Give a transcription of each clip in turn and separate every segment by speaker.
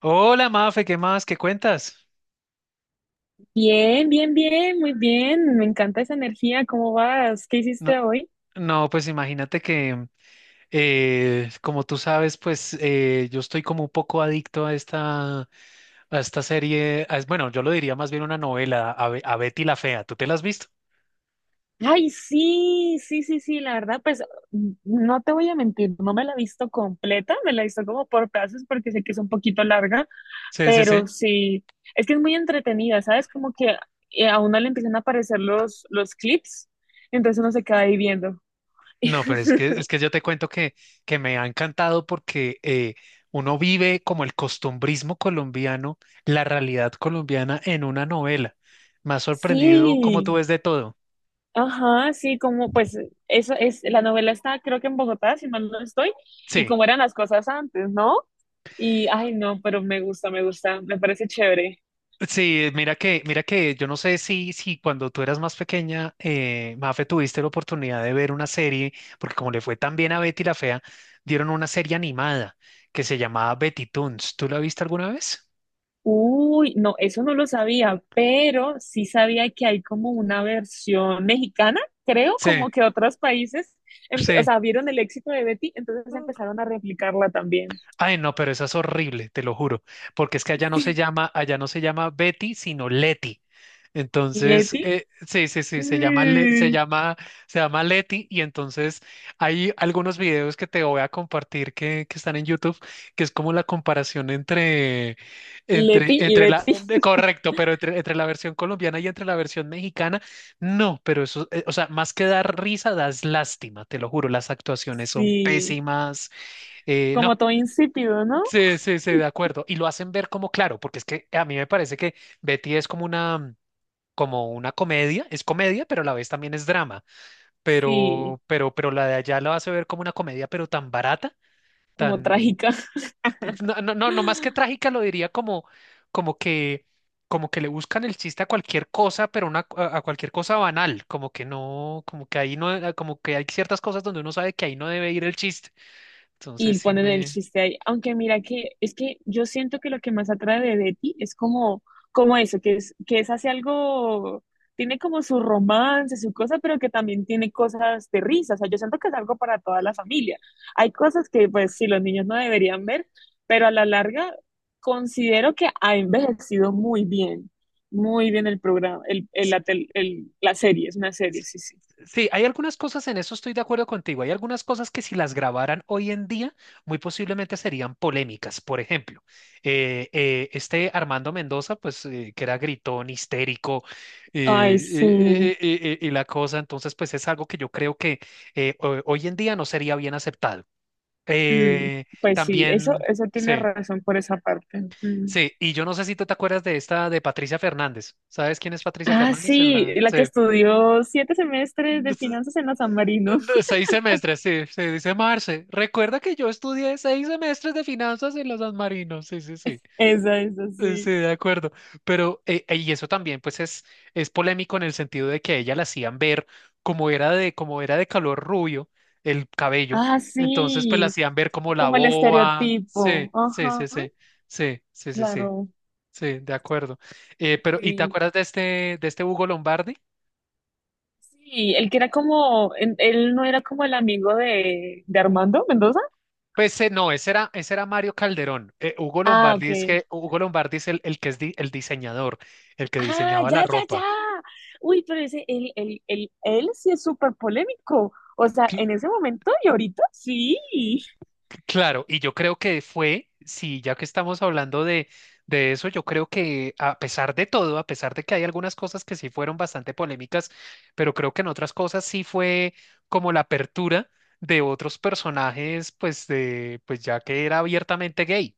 Speaker 1: Hola, Mafe, ¿qué más? ¿Qué cuentas?
Speaker 2: Bien, bien, bien, muy bien. Me encanta esa energía. ¿Cómo vas? ¿Qué hiciste
Speaker 1: No,
Speaker 2: hoy?
Speaker 1: no, pues imagínate que, como tú sabes, pues yo estoy como un poco adicto a esta serie, bueno, yo lo diría más bien una novela, a Betty la Fea. ¿Tú te la has visto?
Speaker 2: Ay, sí, sí, sí, sí. La verdad, pues no te voy a mentir, no me la he visto completa, me la he visto como por pedazos porque sé que es un poquito larga,
Speaker 1: Sí, sí, sí.
Speaker 2: pero sí, es que es muy entretenida, ¿sabes? Como que a uno le empiezan a aparecer los clips, entonces uno se queda ahí viendo.
Speaker 1: No, pero es que yo te cuento que me ha encantado porque uno vive como el costumbrismo colombiano, la realidad colombiana en una novela. Me ha sorprendido cómo tú
Speaker 2: Sí.
Speaker 1: ves de todo.
Speaker 2: Ajá, sí, como pues eso es, la novela está creo que en Bogotá, si mal no estoy, y
Speaker 1: Sí.
Speaker 2: cómo eran las cosas antes, ¿no? Y, ay, no, pero me gusta, me gusta, me parece chévere.
Speaker 1: Sí, mira que yo no sé si cuando tú eras más pequeña, Mafe, tuviste la oportunidad de ver una serie, porque como le fue tan bien a Betty la Fea, dieron una serie animada que se llamaba Betty Toons. ¿Tú la viste alguna vez?
Speaker 2: Uy, no, eso no lo sabía, pero sí sabía que hay como una versión mexicana, creo,
Speaker 1: Sí,
Speaker 2: como que otros países, o
Speaker 1: sí.
Speaker 2: sea, vieron el éxito de Betty, entonces empezaron a replicarla también.
Speaker 1: Ay, no, pero esa es horrible, te lo juro, porque es que allá no se llama Betty, sino Leti. Entonces,
Speaker 2: Leti,
Speaker 1: sí, sí, sí,
Speaker 2: mm,
Speaker 1: se llama Leti y entonces hay algunos videos que te voy a compartir que están en YouTube, que es como la comparación
Speaker 2: Leti y Betty,
Speaker 1: correcto, pero entre la versión colombiana y entre la versión mexicana. No, pero eso, o sea, más que dar risa, das lástima, te lo juro, las actuaciones son
Speaker 2: sí,
Speaker 1: pésimas, no.
Speaker 2: como todo insípido, ¿no?
Speaker 1: Sí, sí, sí, de acuerdo. Y lo hacen ver como claro, porque es que a mí me parece que Betty es como una comedia, es comedia, pero a la vez también es drama.
Speaker 2: Sí,
Speaker 1: Pero la de allá lo hace ver como una comedia, pero tan barata,
Speaker 2: como
Speaker 1: tan,
Speaker 2: trágica.
Speaker 1: no, no, no, no más que trágica, lo diría como, como que, como que le buscan el chiste a cualquier cosa, pero una, a cualquier cosa banal, como que no, como que ahí no, como que hay ciertas cosas donde uno sabe que ahí no debe ir el chiste. Entonces
Speaker 2: Y
Speaker 1: sí
Speaker 2: ponen el
Speaker 1: me.
Speaker 2: chiste ahí. Aunque mira que es que yo siento que lo que más atrae de Betty es como, como eso, que es, hace algo, tiene como su romance, su cosa, pero que también tiene cosas de risa. O sea, yo siento que es algo para toda la familia. Hay cosas que pues sí, los niños no deberían ver, pero a la larga considero que ha envejecido muy bien. Muy bien el programa, el, la tel- el- la serie, es una serie, sí, sí.
Speaker 1: Sí, hay algunas cosas, en eso estoy de acuerdo contigo, hay algunas cosas que si las grabaran hoy en día, muy posiblemente serían polémicas. Por ejemplo, este Armando Mendoza, pues que era gritón, histérico,
Speaker 2: Ay, sí.
Speaker 1: y la cosa, entonces pues es algo que yo creo que hoy en día no sería bien aceptado.
Speaker 2: Mm,
Speaker 1: Eh,
Speaker 2: pues sí, eso,
Speaker 1: también,
Speaker 2: eso tiene
Speaker 1: sí,
Speaker 2: razón por esa parte. Mm.
Speaker 1: sí, y yo no sé si tú te acuerdas de esta de Patricia Fernández. ¿Sabes quién es Patricia
Speaker 2: Ah,
Speaker 1: Fernández en
Speaker 2: sí,
Speaker 1: la...
Speaker 2: la que estudió 7 semestres de
Speaker 1: Sí.
Speaker 2: finanzas en la San Marino.
Speaker 1: De seis semestres, sí, sí, dice Marce. Recuerda que yo estudié seis semestres de finanzas en los San Marino. Sí, sí, sí.
Speaker 2: Esa,
Speaker 1: Sí,
Speaker 2: sí.
Speaker 1: de acuerdo. Pero, y eso también, pues, es polémico en el sentido de que a ella la hacían ver como era de color rubio el cabello.
Speaker 2: Ah,
Speaker 1: Entonces, pues, la
Speaker 2: sí,
Speaker 1: hacían ver como la
Speaker 2: como el
Speaker 1: boba. Sí,
Speaker 2: estereotipo.
Speaker 1: sí, sí,
Speaker 2: Ajá,
Speaker 1: sí. Sí, sí, sí, sí.
Speaker 2: claro,
Speaker 1: Sí, de acuerdo. Pero, ¿y te
Speaker 2: sí.
Speaker 1: acuerdas de de este Hugo Lombardi?
Speaker 2: Sí, el que era como, él no era como el amigo de Armando Mendoza.
Speaker 1: Pues no, ese era Mario Calderón. Hugo
Speaker 2: Ah,
Speaker 1: Lombardi es
Speaker 2: ok.
Speaker 1: que Hugo Lombardi es el que el diseñador, el que
Speaker 2: Ah,
Speaker 1: diseñaba la
Speaker 2: ya, ya, ya.
Speaker 1: ropa.
Speaker 2: Uy, pero ese, él sí es súper polémico. O sea, en
Speaker 1: Cl-
Speaker 2: ese momento y ahorita sí.
Speaker 1: claro, y yo creo que fue, sí, ya que estamos hablando de eso, yo creo que a pesar de todo, a pesar de que hay algunas cosas que sí fueron bastante polémicas, pero creo que en otras cosas sí fue como la apertura de otros personajes, pues de, pues ya que era abiertamente gay.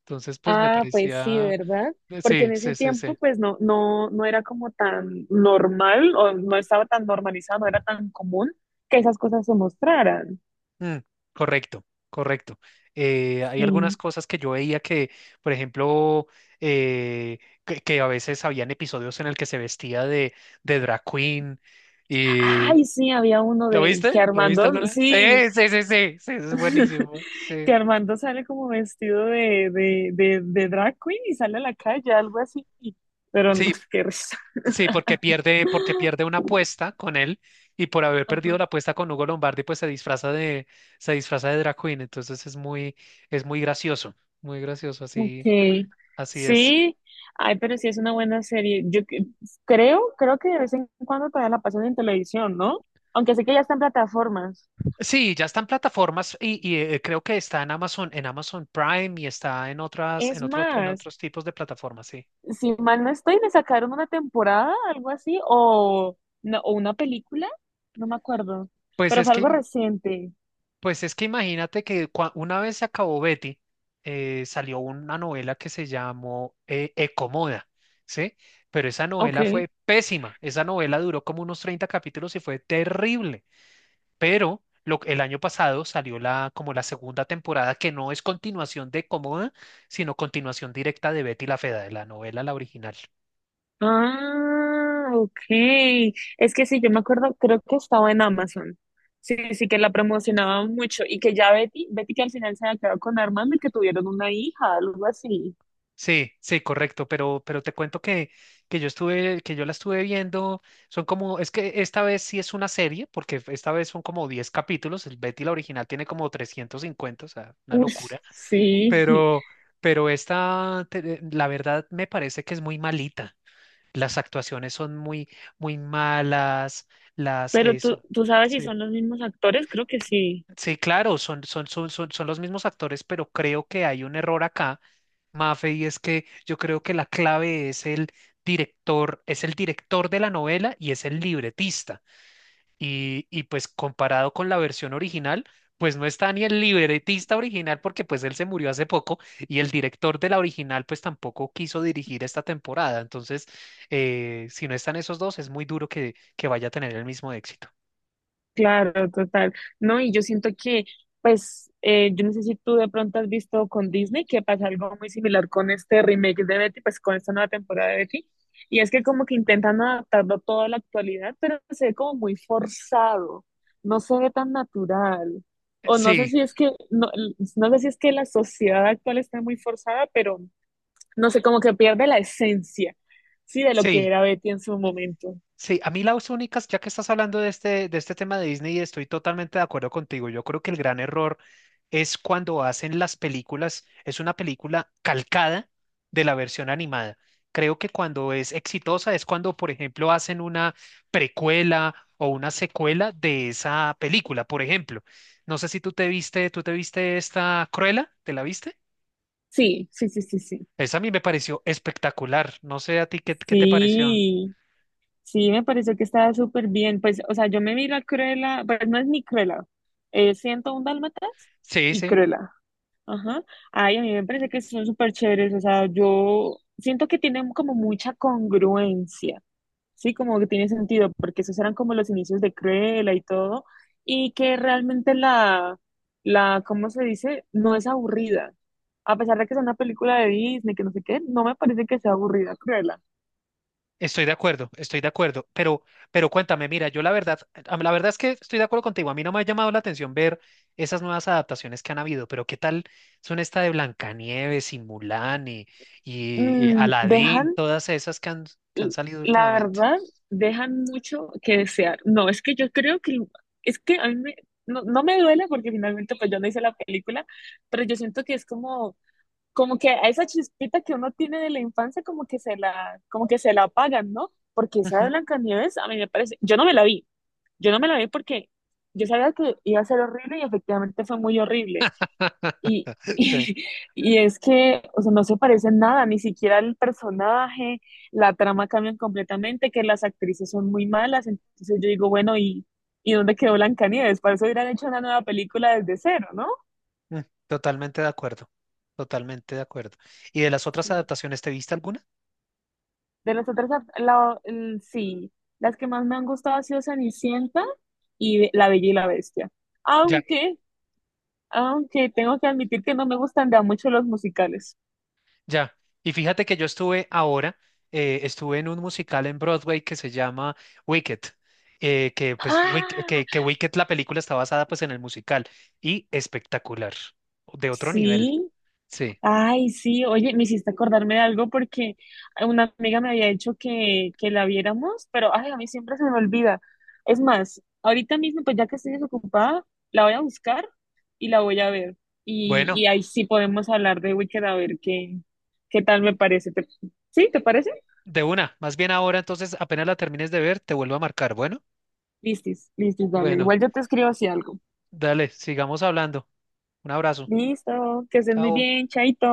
Speaker 1: Entonces, pues me
Speaker 2: Ah, pues sí,
Speaker 1: parecía,
Speaker 2: ¿verdad? Porque
Speaker 1: sí,
Speaker 2: en ese
Speaker 1: sí, sí,
Speaker 2: tiempo,
Speaker 1: sí.
Speaker 2: pues no, no, no era como tan normal o no estaba tan normalizado, no era tan común que esas cosas se mostraran.
Speaker 1: Mm, correcto, correcto. Hay
Speaker 2: Sí.
Speaker 1: algunas cosas que yo veía que, por ejemplo, eh, que a veces habían episodios en el que se vestía de drag queen y...
Speaker 2: Ay, sí, había uno
Speaker 1: ¿Lo
Speaker 2: de
Speaker 1: viste?
Speaker 2: que
Speaker 1: ¿Lo viste
Speaker 2: Armando,
Speaker 1: alguna vez? Sí,
Speaker 2: sí,
Speaker 1: sí, sí, sí, sí, eso es buenísimo.
Speaker 2: que
Speaker 1: Sí,
Speaker 2: Armando sale como vestido de drag queen y sale a la calle, algo así. Pero no,
Speaker 1: sí,
Speaker 2: qué risa.
Speaker 1: sí, porque pierde una apuesta con él y por haber perdido la apuesta con Hugo Lombardi, pues se disfraza de drag queen. Entonces es muy gracioso, así,
Speaker 2: Okay,
Speaker 1: así es.
Speaker 2: sí, ay, pero sí es una buena serie. Creo, creo que de vez en cuando todavía la pasan en televisión, ¿no? Aunque sé que ya está en plataformas.
Speaker 1: Sí, ya están plataformas creo que está en Amazon Prime y está en otras,
Speaker 2: Es
Speaker 1: en
Speaker 2: más,
Speaker 1: otros tipos de plataformas, sí.
Speaker 2: si mal no estoy, me sacaron una temporada, algo así, o, no, o una película, no me acuerdo,
Speaker 1: Pues
Speaker 2: pero
Speaker 1: es
Speaker 2: fue
Speaker 1: que,
Speaker 2: algo
Speaker 1: im-
Speaker 2: reciente.
Speaker 1: pues es que imagínate que una vez se acabó Betty, salió una novela que se llamó Ecomoda, ¿sí? Pero esa novela
Speaker 2: Ok.
Speaker 1: fue pésima. Esa novela duró como unos 30 capítulos y fue terrible. El año pasado salió la, como la segunda temporada, que no es continuación de Comoda, sino continuación directa de Betty la Fea, de la novela, la original.
Speaker 2: Ah, ok. Es que sí, yo me acuerdo, creo que estaba en Amazon. Sí, sí, que la promocionaban mucho y que ya Betty que al final se había quedado con Armando y que tuvieron una hija, algo así.
Speaker 1: Sí, sí, correcto, pero te cuento que, que yo la estuve viendo, son como, es que esta vez sí es una serie, porque esta vez son como 10 capítulos, el Betty la original tiene como 350, o sea, una
Speaker 2: Uf,
Speaker 1: locura,
Speaker 2: sí.
Speaker 1: pero, pero esta, la verdad me parece que es muy malita. Las actuaciones son muy, muy malas, las,
Speaker 2: Pero
Speaker 1: eh,
Speaker 2: tú,
Speaker 1: son-
Speaker 2: tú sabes si
Speaker 1: sí,
Speaker 2: son los mismos actores, creo que sí.
Speaker 1: sí, claro, son los mismos actores, pero creo que hay un error acá, Mafe, y es que yo creo que la clave es el director de la novela y es el libretista. Y pues comparado con la versión original, pues no está ni el libretista original porque pues él se murió hace poco y el director de la original pues tampoco quiso dirigir esta temporada. Entonces, si no están esos dos, es muy duro que vaya a tener el mismo éxito.
Speaker 2: Claro, total. No, y yo siento que, pues, yo no sé si tú de pronto has visto con Disney que pasa algo muy similar con este remake de Betty, pues con esta nueva temporada de Betty, y es que como que intentan adaptarlo todo a la actualidad, pero se ve como muy forzado, no se ve tan natural. O no sé
Speaker 1: Sí,
Speaker 2: si es que, no, no sé si es que la sociedad actual está muy forzada, pero no sé, como que pierde la esencia, sí, de lo que
Speaker 1: sí.
Speaker 2: era Betty en su momento.
Speaker 1: Sí, a mí las únicas, ya que estás hablando de de este tema de Disney, estoy totalmente de acuerdo contigo. Yo creo que el gran error es cuando hacen las películas, es una película calcada de la versión animada. Creo que cuando es exitosa es cuando, por ejemplo, hacen una precuela o una secuela de esa película, por ejemplo. No sé si tú te viste esta Cruella, ¿te la viste?
Speaker 2: Sí, sí, sí, sí, sí.
Speaker 1: Esa a mí me pareció espectacular. No sé a ti qué, qué te pareció.
Speaker 2: Sí. Sí, me pareció que estaba súper bien. Pues, o sea, yo me vi la Cruella, pues no es ni Cruella, es 101 Dálmatas
Speaker 1: Sí,
Speaker 2: y
Speaker 1: sí.
Speaker 2: Cruella. Ajá. Ay, a mí me parece que son súper chéveres. O sea, yo siento que tienen como mucha congruencia, ¿sí? Como que tiene sentido, porque esos eran como los inicios de Cruella y todo. Y que realmente ¿cómo se dice? No es aburrida. A pesar de que es una película de Disney, que no sé qué, no me parece que sea aburrida, Cruella.
Speaker 1: Estoy de acuerdo, pero cuéntame, mira, yo la verdad, la verdad es que estoy de acuerdo contigo, a mí no me ha llamado la atención ver esas nuevas adaptaciones que han habido, pero ¿qué tal son esta de Blancanieves y Mulan y
Speaker 2: Mm, dejan
Speaker 1: Aladín, todas esas que han
Speaker 2: l-
Speaker 1: salido
Speaker 2: la
Speaker 1: últimamente?
Speaker 2: verdad, dejan mucho que desear. No, es que yo creo que, es que a no, no me duele porque finalmente pues yo no hice la película, pero yo siento que es como, como que a esa chispita que uno tiene de la infancia como que se la apagan, ¿no? Porque esa de
Speaker 1: Ujú.
Speaker 2: Blancanieves a mí me parece, yo no me la vi porque yo sabía que iba a ser horrible y efectivamente fue muy horrible, y,
Speaker 1: Sí,
Speaker 2: y es que, o sea, no se parecen nada, ni siquiera el personaje, la trama cambian completamente, que las actrices son muy malas, entonces yo digo, bueno, y dónde quedó Blancanieves? Para eso hubieran hecho una nueva película desde cero, ¿no?
Speaker 1: mm, totalmente de acuerdo, totalmente de acuerdo. ¿Y de las otras
Speaker 2: Sí.
Speaker 1: adaptaciones, te viste alguna?
Speaker 2: De las otras, sí, las que más me han gustado ha sido Cenicienta y La Bella y la Bestia. Aunque, aunque tengo que admitir que no me gustan ya mucho los musicales.
Speaker 1: Ya, y fíjate que yo estuve ahora, estuve en un musical en Broadway que se llama Wicked,
Speaker 2: Ah,
Speaker 1: que Wicked la película está basada pues en el musical y espectacular, de otro nivel,
Speaker 2: sí.
Speaker 1: sí.
Speaker 2: Ay, sí, oye, me hiciste acordarme de algo porque una amiga me había dicho que la viéramos, pero ay, a mí siempre se me olvida. Es más, ahorita mismo, pues ya que estoy desocupada, la voy a buscar y la voy a ver.
Speaker 1: Bueno,
Speaker 2: Y ahí sí podemos hablar de Wicked a ver qué, qué tal me parece. ¿Sí? ¿Te parece?
Speaker 1: de una, más bien ahora entonces apenas la termines de ver, te vuelvo a marcar, bueno,
Speaker 2: Listis, listis, dale.
Speaker 1: bueno,
Speaker 2: Igual yo te escribo así algo.
Speaker 1: dale, sigamos hablando, un abrazo,
Speaker 2: Listo, que estés muy
Speaker 1: chao.
Speaker 2: bien, chaito.